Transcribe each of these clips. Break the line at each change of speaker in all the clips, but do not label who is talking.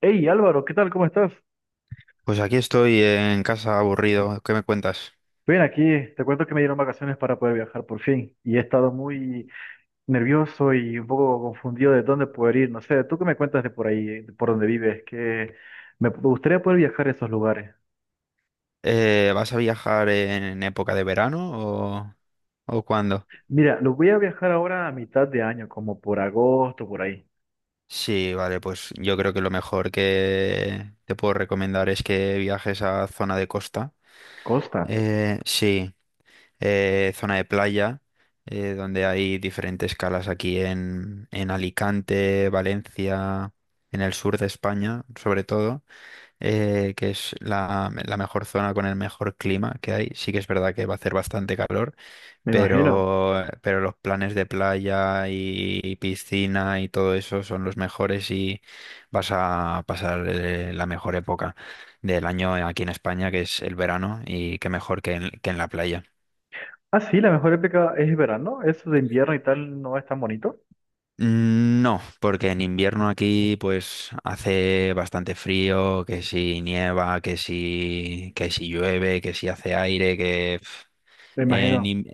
Hey Álvaro, ¿qué tal? ¿Cómo estás?
Pues aquí estoy en casa aburrido. ¿Qué me cuentas?
Bien, aquí te cuento que me dieron vacaciones para poder viajar por fin y he estado muy nervioso y un poco confundido de dónde poder ir. No sé, ¿tú qué me cuentas de por ahí, de por donde vives? Que me gustaría poder viajar a esos lugares.
¿Vas a viajar en época de verano o, o cuándo?
Mira, lo voy a viajar ahora a mitad de año, como por agosto, por ahí.
Sí, vale, pues yo creo que lo mejor que te puedo recomendar es que viajes a zona de costa.
Costa,
Sí, zona de playa, donde hay diferentes calas aquí en Alicante, Valencia, en el sur de España, sobre todo. Que es la mejor zona con el mejor clima que hay. Sí que es verdad que va a hacer bastante calor,
me imagino.
pero los planes de playa y piscina y todo eso son los mejores y vas a pasar la mejor época del año aquí en España, que es el verano, y qué mejor que en la playa.
Ah, sí, la mejor época es verano. Eso de invierno y tal no es tan bonito.
Mm. No, porque en invierno aquí pues hace bastante frío, que si nieva, que si llueve, que si hace aire,
Me
En,
imagino.
in-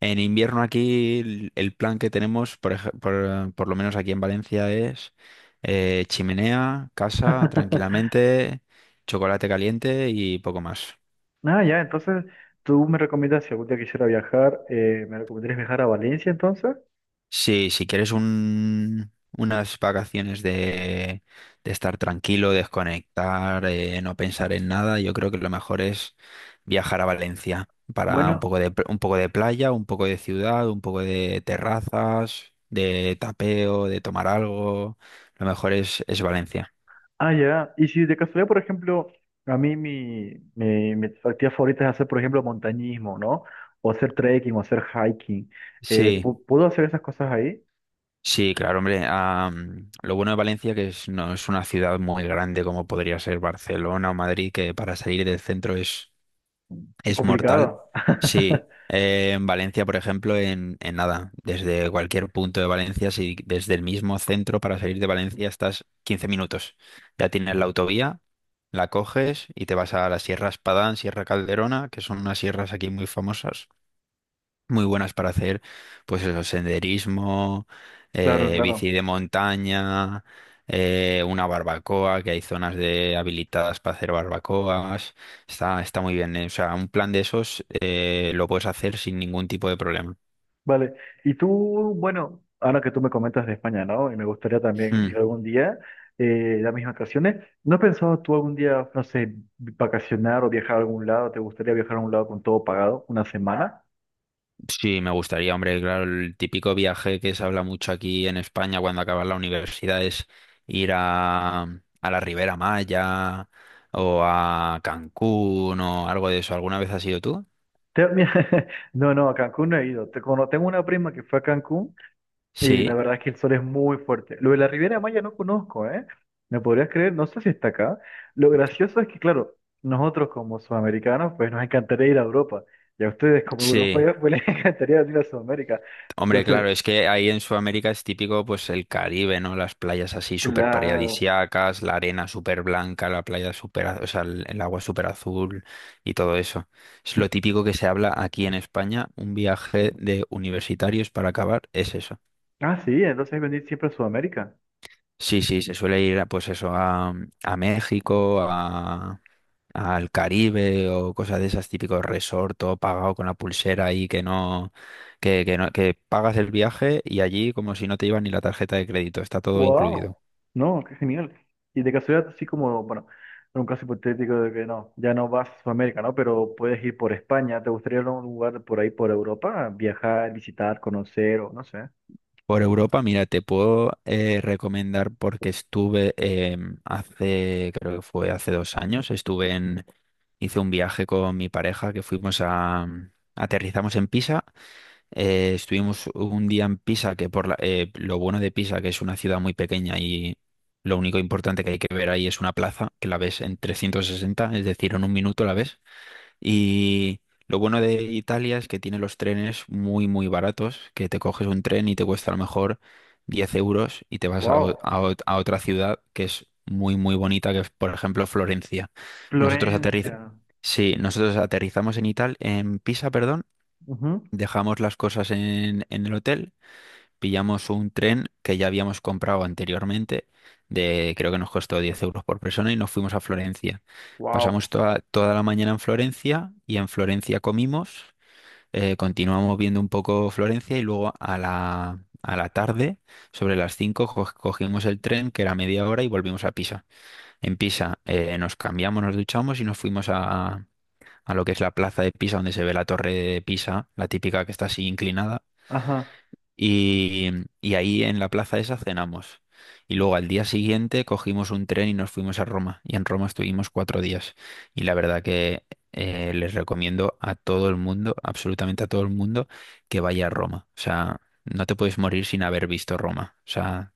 en invierno aquí el plan que tenemos, por lo menos aquí en Valencia, es chimenea, casa, tranquilamente, chocolate caliente y poco más.
Ah, ya, entonces tú me recomiendas si algún día quisiera viajar, ¿me recomendarías viajar a Valencia entonces?
Sí, si quieres unas vacaciones de estar tranquilo, desconectar, no pensar en nada, yo creo que lo mejor es viajar a Valencia para
Bueno,
un poco de playa, un poco de ciudad, un poco de terrazas, de tapeo, de tomar algo. Lo mejor es Valencia.
ah, ya. Y si de casualidad, por ejemplo, a mí mi actividad favorita es hacer, por ejemplo, montañismo, ¿no? O hacer trekking o hacer hiking.
Sí,
¿Puedo hacer esas cosas ahí?
sí, claro, hombre. Lo bueno de Valencia que es, no es una ciudad muy grande como podría ser Barcelona o Madrid, que para salir del centro es. Mortal,
Complicado.
sí. En Valencia, por ejemplo, en nada, desde cualquier punto de Valencia, si desde el mismo centro para salir de Valencia estás 15 minutos. Ya tienes la autovía, la coges y te vas a la Sierra Espadán, Sierra Calderona, que son unas sierras aquí muy famosas, muy buenas para hacer, pues eso, senderismo,
Claro,
bici
claro.
de montaña, una barbacoa, que hay zonas de habilitadas para hacer barbacoas. Está muy bien. O sea, un plan de esos lo puedes hacer sin ningún tipo de problema.
Vale, y tú, bueno, ahora que tú me comentas de España, ¿no? Y me gustaría también ir
Mm.
algún día, las mismas vacaciones. ¿No has pensado tú algún día, no sé, vacacionar o viajar a algún lado? ¿Te gustaría viajar a un lado con todo pagado, una semana?
Sí, me gustaría, hombre, claro, el típico viaje que se habla mucho aquí en España cuando acabas la universidad es ir a la Ribera Maya o a Cancún o algo de eso. ¿Alguna vez has ido tú?
Mira, no, no, a Cancún no he ido. Tengo una prima que fue a Cancún. Y
Sí.
la verdad es que el sol es muy fuerte. Lo de la Riviera Maya no conozco, ¿eh? ¿Me podrías creer? No sé si está acá. Lo gracioso es que, claro, nosotros como sudamericanos, pues nos encantaría ir a Europa. Y a ustedes como
Sí,
europeos, pues les encantaría ir a Sudamérica.
hombre,
Entonces,
claro, es que ahí en Sudamérica es típico pues el Caribe, ¿no? Las playas así súper
claro.
paradisíacas, la arena súper blanca, la playa súper, o sea, el agua súper azul y todo eso. Es lo típico que se habla aquí en España, un viaje de universitarios para acabar es eso.
Ah, sí, entonces venir siempre a Sudamérica.
Sí, sí, se suele ir a, pues eso, a México, al Caribe o cosas de esas, típicos resort, todo pagado con la pulsera ahí que no, que no, que pagas el viaje y allí como si no te iba ni la tarjeta de crédito, está todo
¡Wow!
incluido.
No, qué genial. Y de casualidad, así como, bueno, en un caso hipotético de que no, ya no vas a Sudamérica, ¿no? Pero puedes ir por España. ¿Te gustaría ir a un lugar por ahí, por Europa? Viajar, visitar, conocer o no sé.
Por Europa, mira, te puedo recomendar porque estuve hace, creo que fue hace 2 años, estuve hice un viaje con mi pareja que fuimos aterrizamos en Pisa. Estuvimos un día en Pisa, que lo bueno de Pisa, que es una ciudad muy pequeña y lo único importante que hay que ver ahí es una plaza, que la ves en 360, es decir, en un minuto la ves. Y lo bueno de Italia es que tiene los trenes muy, muy baratos, que te coges un tren y te cuesta a lo mejor 10 euros y te vas a, o-
Wow.
a ot- a otra ciudad que es muy, muy bonita, que es, por ejemplo, Florencia. Nosotros aterriz-
Florencia.
sí, nosotros aterrizamos en Italia, en Pisa, perdón.
Ujú.
Dejamos las cosas en el hotel, pillamos un tren que ya habíamos comprado anteriormente, de creo que nos costó 10 euros por persona y nos fuimos a Florencia.
Wow.
Pasamos toda la mañana en Florencia y en Florencia comimos. Continuamos viendo un poco Florencia y luego a la tarde, sobre las 5 cogimos el tren que era media hora y volvimos a Pisa. En Pisa nos cambiamos, nos duchamos y nos fuimos a lo que es la plaza de Pisa, donde se ve la torre de Pisa, la típica que está así inclinada,
Ajá.
y, y ahí en la plaza esa cenamos. Y luego al día siguiente cogimos un tren y nos fuimos a Roma. Y en Roma estuvimos 4 días. Y la verdad que les recomiendo a todo el mundo, absolutamente a todo el mundo, que vaya a Roma. O sea, no te puedes morir sin haber visto Roma. O sea,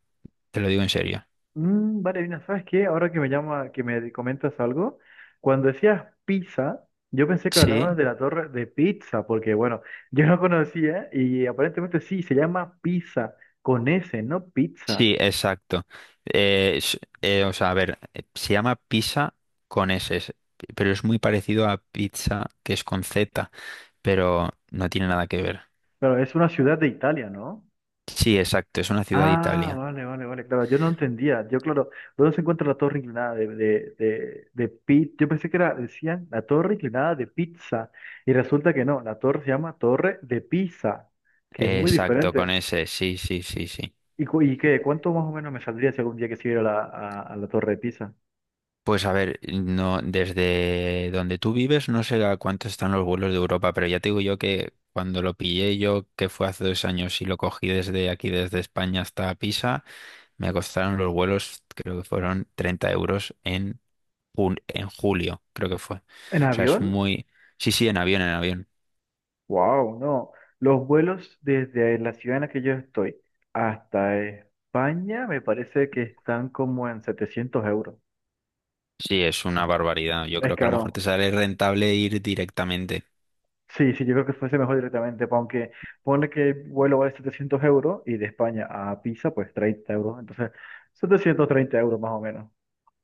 te lo digo en serio.
Mm, vale, Dina, ¿sabes qué? Ahora que me llama, que me comentas algo, cuando decías pizza, yo pensé que
Sí,
hablabas de la torre de pizza, porque bueno, yo no conocía y aparentemente sí, se llama pizza con S, no pizza.
sí, exacto. O sea, a ver, se llama pizza con S, pero es muy parecido a pizza que es con Z, pero no tiene nada que ver.
Pero es una ciudad de Italia, ¿no?
Sí, exacto, es una ciudad de
Ah,
Italia.
vale, vale, vale, claro, yo no entendía, yo claro, ¿dónde se encuentra la torre inclinada de. Yo pensé que era, decían, la torre inclinada de pizza, y resulta que no, la torre se llama torre de pizza, que es muy
Exacto, con
diferente.
ese, sí, sí, sí, sí.
¿Y, y qué? ¿Cuánto más o menos me saldría si algún día quisiera ir a la, a la torre de pizza?
Pues a ver, no, desde donde tú vives no sé a cuánto están los vuelos de Europa, pero ya te digo yo que cuando lo pillé yo, que fue hace dos años y lo cogí desde aquí, desde España hasta Pisa, me costaron los vuelos, creo que fueron 30 euros en julio, creo que fue. O
¿En
sea, es
avión?
muy... Sí, sí, en avión, en avión.
Wow, no, los vuelos desde la ciudad en la que yo estoy hasta España me parece que están como en 700 euros.
Sí, es una barbaridad. Yo
Es
creo que a lo
caro.
mejor te sale rentable ir directamente.
Sí, sí, yo creo que fuese mejor directamente, aunque pone que el vuelo vale 700 € y de España a Pisa, pues 30 euros. Entonces, 730 € más o menos.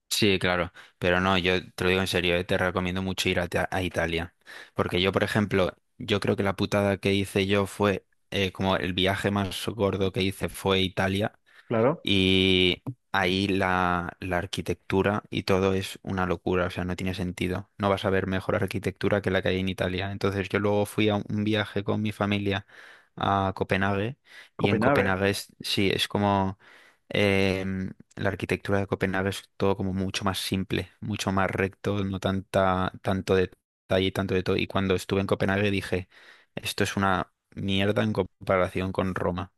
Sí, claro, pero no, yo te lo digo en serio, te recomiendo mucho ir a Italia, porque yo, por ejemplo, yo creo que la putada que hice yo fue, como el viaje más gordo que hice fue Italia,
Claro,
y ahí la arquitectura y todo es una locura, o sea, no tiene sentido. No vas a ver mejor arquitectura que la que hay en Italia. Entonces yo luego fui a un viaje con mi familia a Copenhague y en
Copenhague.
Copenhague sí, es como la arquitectura de Copenhague es todo como mucho más simple, mucho más recto, no tanta, tanto detalle, tanto de todo. Y cuando estuve en Copenhague dije, esto es una mierda en comparación con Roma.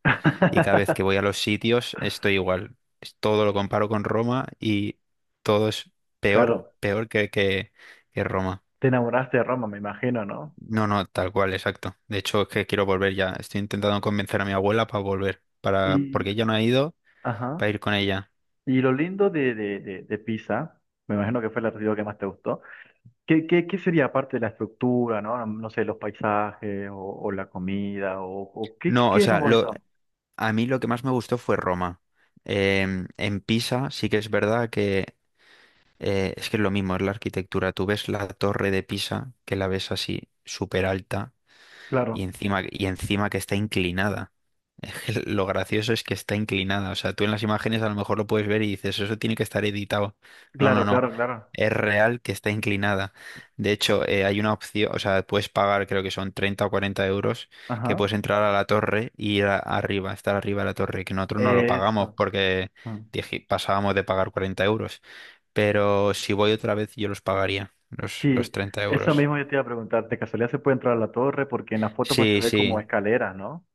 Y cada vez que voy a los sitios estoy igual. Todo lo comparo con Roma y todo es peor,
Claro,
peor que Roma.
te enamoraste de Roma, me imagino, ¿no?
No, no, tal cual, exacto. De hecho, es que quiero volver ya. Estoy intentando convencer a mi abuela para volver, porque
Y,
ella no ha ido,
ajá.
para ir con ella.
Y lo lindo de Pisa, me imagino que fue la artículo que más te gustó. ¿Qué sería aparte de la estructura, ¿no? No sé, los paisajes o la comida o qué, qué,
No, o
qué es lo
sea,
bonito.
a mí lo que más me gustó fue Roma. En Pisa sí que es verdad que es que es lo mismo, es la arquitectura. Tú ves la torre de Pisa, que la ves así súper alta.
Claro,
Y encima que está inclinada. Es que lo gracioso es que está inclinada. O sea, tú en las imágenes a lo mejor lo puedes ver y dices, eso tiene que estar editado. No, no,
claro,
no.
claro, claro.
Es real que está inclinada. De hecho, hay una opción, o sea, puedes pagar, creo que son 30 o 40 euros, que
Ajá.
puedes entrar a la torre y ir arriba, estar arriba de la torre, que nosotros no lo pagamos
Eso.
porque
Ah,
pasábamos de pagar 40 euros. Pero si voy otra vez, yo los pagaría, los,
sí,
los 30
eso
euros.
mismo yo te iba a preguntar. ¿De casualidad se puede entrar a la torre? Porque en la foto pues se
Sí,
ve como
sí.
escaleras, ¿no?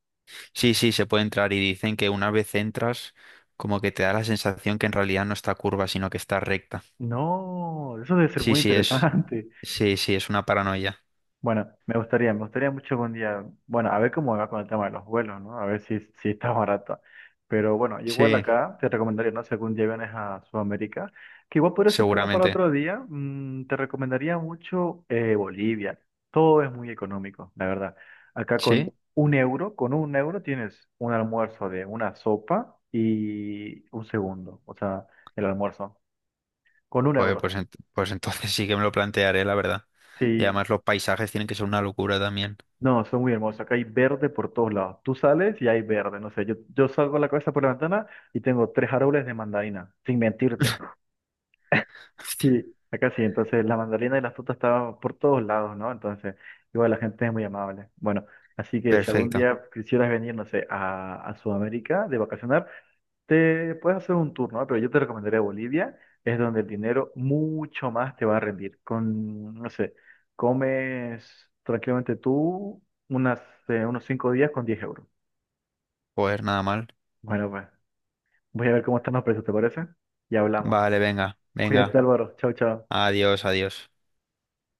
Sí, sí, se puede entrar y dicen que una vez entras, como que te da la sensación que en realidad no está curva, sino que está recta.
No, eso debe ser
Sí,
muy
sí,
interesante.
sí, sí, es una paranoia.
Bueno, me gustaría mucho algún día, bueno, a ver cómo va con el tema de los vuelos, ¿no? A ver si, está barato. Pero bueno, igual
Sí,
acá te recomendaría, no sé, algún día vienes a Sudamérica, que igual podría ser tema para
seguramente.
otro día, te recomendaría mucho Bolivia. Todo es muy económico, la verdad. Acá
Sí,
con un euro tienes un almuerzo de una sopa y un segundo, o sea, el almuerzo, con un
joder,
euro.
pues, pues entonces sí que me lo plantearé, la verdad. Y
Sí,
además los paisajes tienen que ser una locura también.
no, son muy hermosos. Acá hay verde por todos lados. Tú sales y hay verde. No sé, yo salgo a la cabeza por la ventana y tengo tres árboles de mandarina, sin mentirte. Sí, acá sí. Entonces la mandarina y la fruta estaban por todos lados, ¿no? Entonces, igual la gente es muy amable. Bueno, así que si algún
Perfecto,
día quisieras venir, no sé, a Sudamérica de vacacionar, te puedes hacer un turno, ¿eh? Pero yo te recomendaría Bolivia, es donde el dinero mucho más te va a rendir. Con, no sé, comes tranquilamente tú unas, unos 5 días con 10 euros.
pues nada mal.
Bueno, pues voy a ver cómo están los precios, ¿te parece? Y hablamos.
Vale, venga,
Cuídate,
venga.
Álvaro. Chao, chao.
Adiós, adiós.